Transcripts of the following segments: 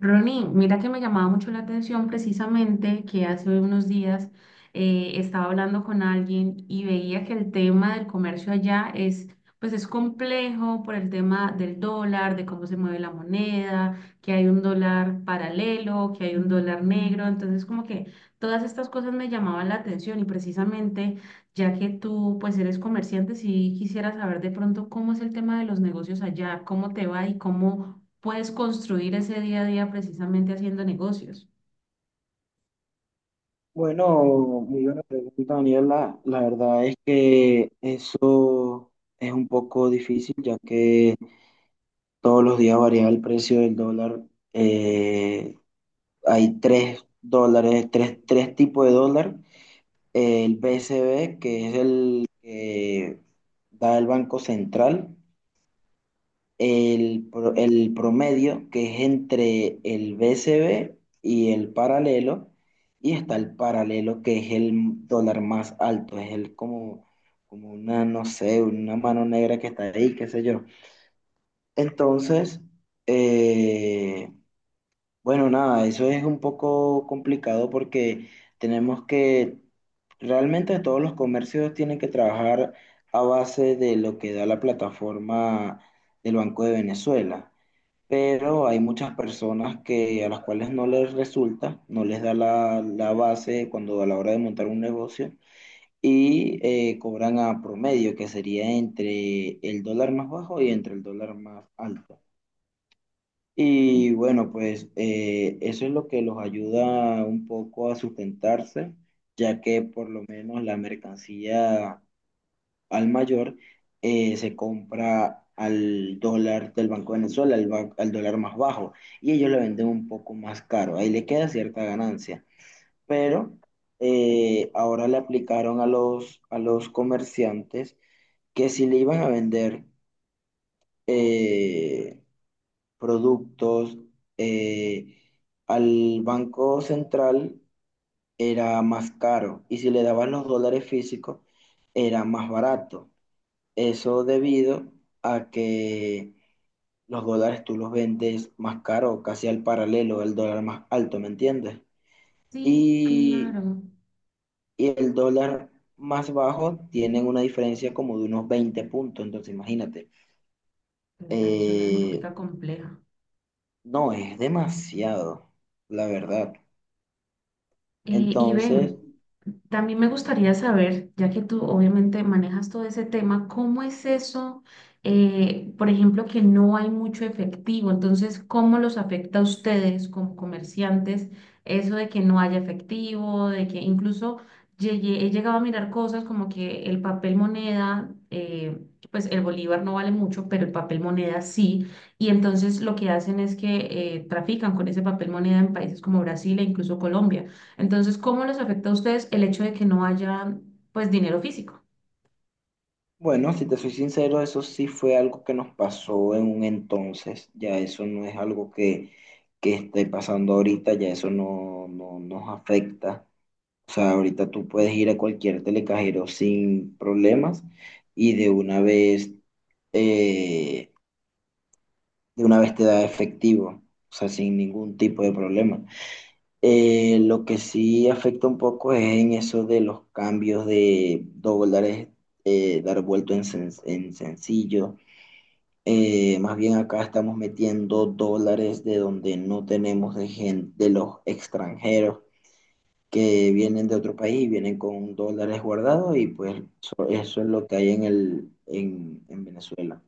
Ronnie, mira que me llamaba mucho la atención, precisamente que hace unos días, estaba hablando con alguien y veía que el tema del comercio allá es, pues es complejo por el tema del dólar, de cómo se mueve la moneda, que hay un dólar paralelo, que hay un dólar negro. Entonces, como que todas estas cosas me llamaban la atención, y precisamente, ya que tú pues eres comerciante, si quisiera saber de pronto cómo es el tema de los negocios allá, cómo te va y cómo puedes construir ese día a día precisamente haciendo negocios. Bueno, muy buena pregunta, Daniela. La verdad es que eso es un poco difícil, ya que todos los días varía el precio del dólar. Eh, Hay tres dólares, tres tipos de dólar. El BCB, que es el que da el Banco Central. El promedio, que es entre el BCB y el paralelo, y está el paralelo, que es el dólar más alto, es el como, como una, no sé, una mano negra que está ahí, qué sé yo. Entonces, eh, bueno, nada, eso es un poco complicado porque tenemos que, realmente todos los comercios tienen que trabajar a base de lo que da la plataforma del Banco de Venezuela, pero hay muchas personas que a las cuales no les resulta, no les da la base cuando a la hora de montar un negocio, y cobran a promedio, que sería entre el dólar más bajo y entre el dólar más alto. Y bueno, pues eso es lo que los ayuda un poco a sustentarse, ya que por lo menos la mercancía al mayor se compra al dólar del Banco de Venezuela, al dólar más bajo, y ellos le venden un poco más caro. Ahí le queda cierta ganancia. Pero ahora le aplicaron a a los comerciantes que si le iban a vender eh, productos eh, al Banco Central, era más caro. Y si le daban los dólares físicos, era más barato. Eso debido a que los dólares tú los vendes más caro, casi al paralelo del dólar más alto, ¿me entiendes? Sí, Y, claro. y el dólar más bajo tienen una diferencia como de unos 20 puntos, entonces imagínate. Claro, es una Eh, dinámica compleja. no, es demasiado, la verdad. Eh, y Entonces, ven, También me gustaría saber, ya que tú obviamente manejas todo ese tema, ¿cómo es eso? Por ejemplo, que no hay mucho efectivo. Entonces, ¿cómo los afecta a ustedes como comerciantes eso de que no haya efectivo, de que incluso he llegado a mirar cosas como que el papel moneda, pues el bolívar no vale mucho, pero el papel moneda sí, y entonces lo que hacen es que trafican con ese papel moneda en países como Brasil e incluso Colombia. Entonces, ¿cómo les afecta a ustedes el hecho de que no haya, pues, dinero físico? bueno, si te soy sincero, eso sí fue algo que nos pasó en un entonces, ya eso no es algo que esté pasando ahorita, ya eso no, no nos afecta. O sea, ahorita tú puedes ir a cualquier telecajero sin problemas y eh, de una vez te da efectivo, o sea, sin ningún tipo de problema. Lo que sí afecta un poco es en eso de los cambios de dólares, dar vuelto en, en sencillo. Más bien acá estamos metiendo dólares de donde no tenemos, de gente, de los extranjeros que vienen de otro país, vienen con dólares guardados, y pues eso es lo que hay en el, en Venezuela.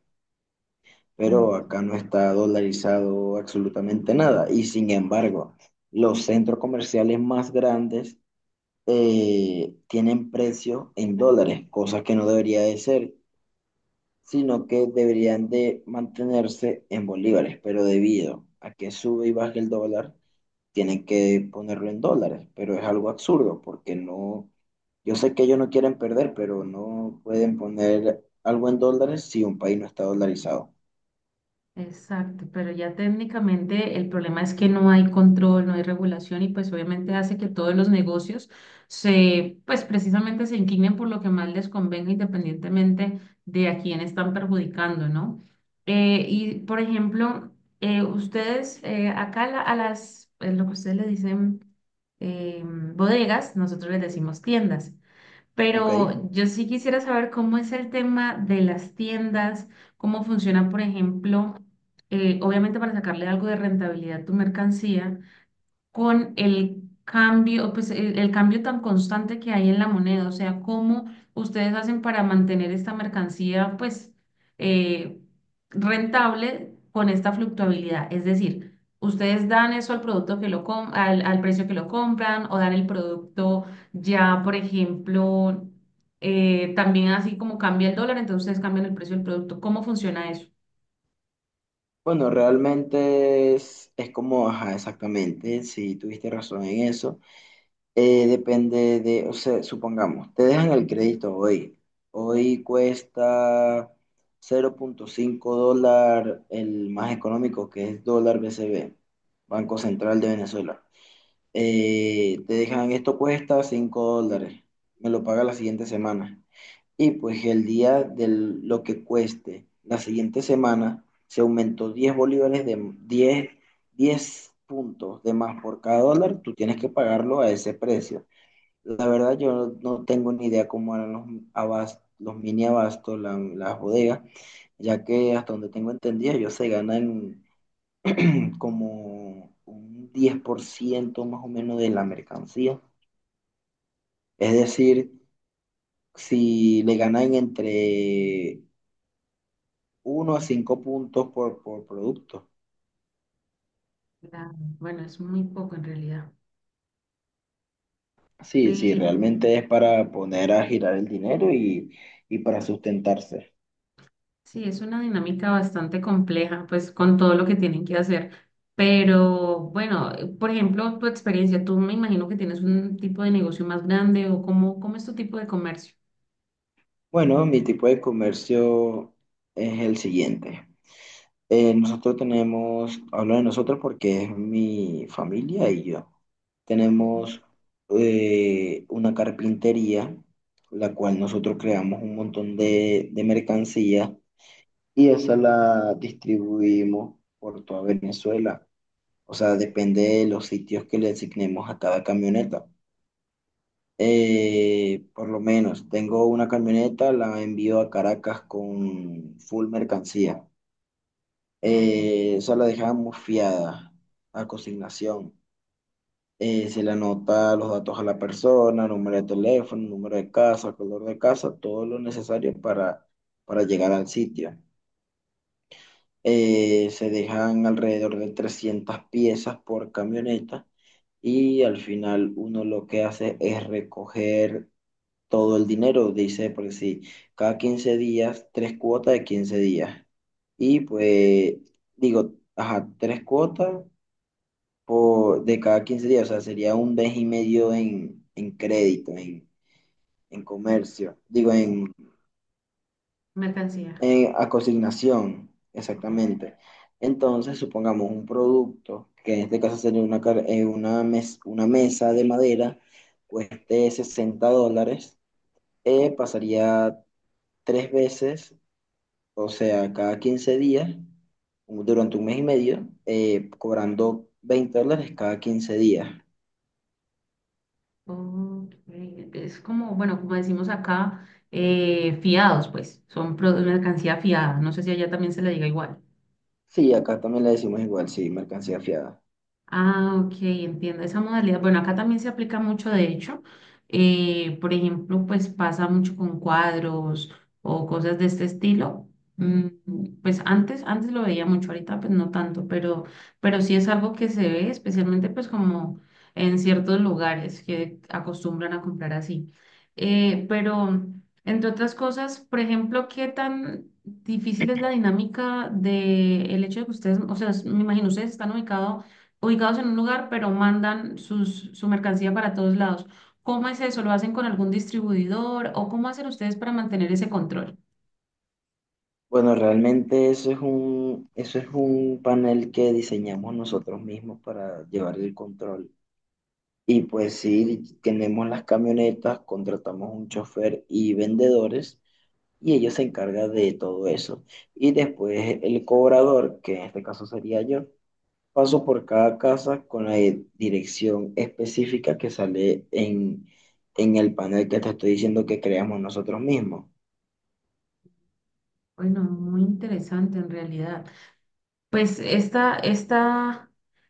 Uy. Pero acá no está dolarizado absolutamente nada y, sin embargo, los centros comerciales más grandes tienen precios en dólares, cosa que no debería de ser, sino que deberían de mantenerse en bolívares, pero debido a que sube y baja el dólar, tienen que ponerlo en dólares, pero es algo absurdo porque no, yo sé que ellos no quieren perder, pero no pueden poner algo en dólares si un país no está dolarizado, Exacto, pero ya técnicamente el problema es que no hay control, no hay regulación, y pues obviamente hace que todos los negocios pues precisamente se inclinen por lo que más les convenga, independientemente de a quién están perjudicando, ¿no? Y por ejemplo, ustedes, acá lo que ustedes le dicen, bodegas, nosotros les decimos tiendas. ¿ok? Pero yo sí quisiera saber cómo es el tema de las tiendas, cómo funcionan. Por ejemplo, obviamente para sacarle algo de rentabilidad a tu mercancía, con el cambio, pues el cambio tan constante que hay en la moneda, o sea, cómo ustedes hacen para mantener esta mercancía, pues, eh, rentable con esta fluctuabilidad. Es decir, ustedes dan eso al producto que lo al precio que lo compran, o dan el producto ya, por ejemplo, también así como cambia el dólar, entonces ustedes cambian el precio del producto. ¿Cómo funciona eso? Bueno, realmente es como, ajá, exactamente, si tuviste razón en eso. Depende de, o sea, supongamos, te dejan el crédito hoy. Hoy cuesta 0,5 dólar el más económico, que es dólar BCB, Banco Central de Venezuela. Te dejan, esto cuesta 5 dólares, me lo paga la siguiente semana. Y pues el día de lo que cueste la siguiente semana, se aumentó 10 bolívares, de 10 puntos de más por cada dólar, tú tienes que pagarlo a ese precio. La verdad, yo no tengo ni idea cómo eran los mini abastos, las bodegas, ya que hasta donde tengo entendido, ellos se ganan como un 10% más o menos de la mercancía. Es decir, si le ganan entre uno a 5 puntos por producto. Claro. Bueno, es muy poco en realidad, Sí, sí, pero... realmente es para poner a girar el dinero, y para sustentarse. Sí, es una dinámica bastante compleja, pues con todo lo que tienen que hacer. Pero bueno, por ejemplo, tu experiencia, tú me imagino que tienes un tipo de negocio más grande, o cómo, cómo es tu tipo de comercio. Bueno, mi tipo de comercio es el siguiente. Nosotros tenemos, hablo de nosotros porque es mi familia y yo. Okay. Tenemos una carpintería, la cual nosotros creamos un montón de mercancía y esa la distribuimos por toda Venezuela. O sea, depende de los sitios que le asignemos a cada camioneta. Por lo menos, tengo una camioneta, la envío a Caracas con full mercancía. Eso la dejaba muy fiada, a consignación. Se le anota los datos a la persona, número de teléfono, número de casa, color de casa, todo lo necesario para llegar al sitio. Se dejan alrededor de 300 piezas por camioneta y al final uno lo que hace es recoger todo el dinero, dice, por si cada 15 días, tres cuotas de 15 días. Y pues digo, ajá, tres cuotas por, de cada 15 días, o sea, sería un mes y medio en crédito, en comercio, digo, Mercancía. en- a consignación, Ok. exactamente. Entonces, supongamos un producto, que en este caso sería una mesa de madera, cueste 60 dólares, pasaría tres veces, o sea, cada 15 días, durante un mes y medio, cobrando 20 dólares cada 15 días. Ok. Es como, bueno, como decimos acá, fiados, pues, son mercancía fiada. No sé si allá también se le diga igual. Sí, acá también le decimos igual, sí, mercancía fiada. Ah, ok, entiendo esa modalidad. Bueno, acá también se aplica mucho, de hecho. Por ejemplo, pues pasa mucho con cuadros o cosas de este estilo. Mm, pues antes lo veía mucho, ahorita pues no tanto, pero sí es algo que se ve, especialmente pues como en ciertos lugares que acostumbran a comprar así. Pero, entre otras cosas, por ejemplo, ¿qué tan difícil es la dinámica de el hecho de que ustedes, o sea, me imagino, ustedes están ubicados en un lugar, pero mandan su mercancía para todos lados. ¿Cómo es eso? ¿Lo hacen con algún distribuidor, o cómo hacen ustedes para mantener ese control? Bueno, realmente eso es un panel que diseñamos nosotros mismos para llevar el control. Y pues sí, tenemos las camionetas, contratamos un chofer y vendedores y ellos se encargan de todo eso. Y después el cobrador, que en este caso sería yo, paso por cada casa con la dirección específica que sale en el panel que te estoy diciendo que creamos nosotros mismos. Bueno, muy interesante en realidad. Pues esta, esta,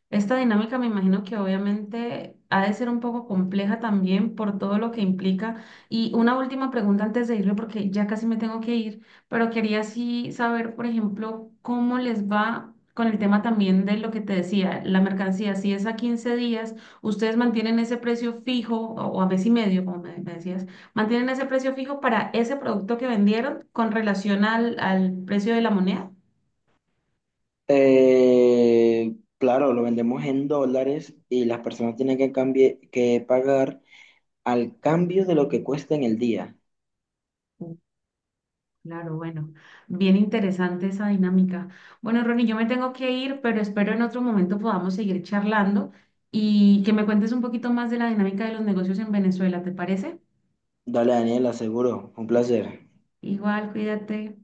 esta dinámica me imagino que obviamente ha de ser un poco compleja también por todo lo que implica. Y una última pregunta antes de irme, porque ya casi me tengo que ir, pero quería sí saber, por ejemplo, cómo les va con el tema también de lo que te decía, la mercancía. Si es a 15 días, ustedes mantienen ese precio fijo, o a mes y medio, como me decías, mantienen ese precio fijo para ese producto que vendieron con relación al precio de la moneda. Claro, lo vendemos en dólares y las personas tienen que, que pagar al cambio de lo que cuesta en el día. Claro, bueno, bien interesante esa dinámica. Bueno, Ronnie, yo me tengo que ir, pero espero en otro momento podamos seguir charlando y que me cuentes un poquito más de la dinámica de los negocios en Venezuela, ¿te parece? Dale, Daniel, aseguro. Un placer. Igual, cuídate.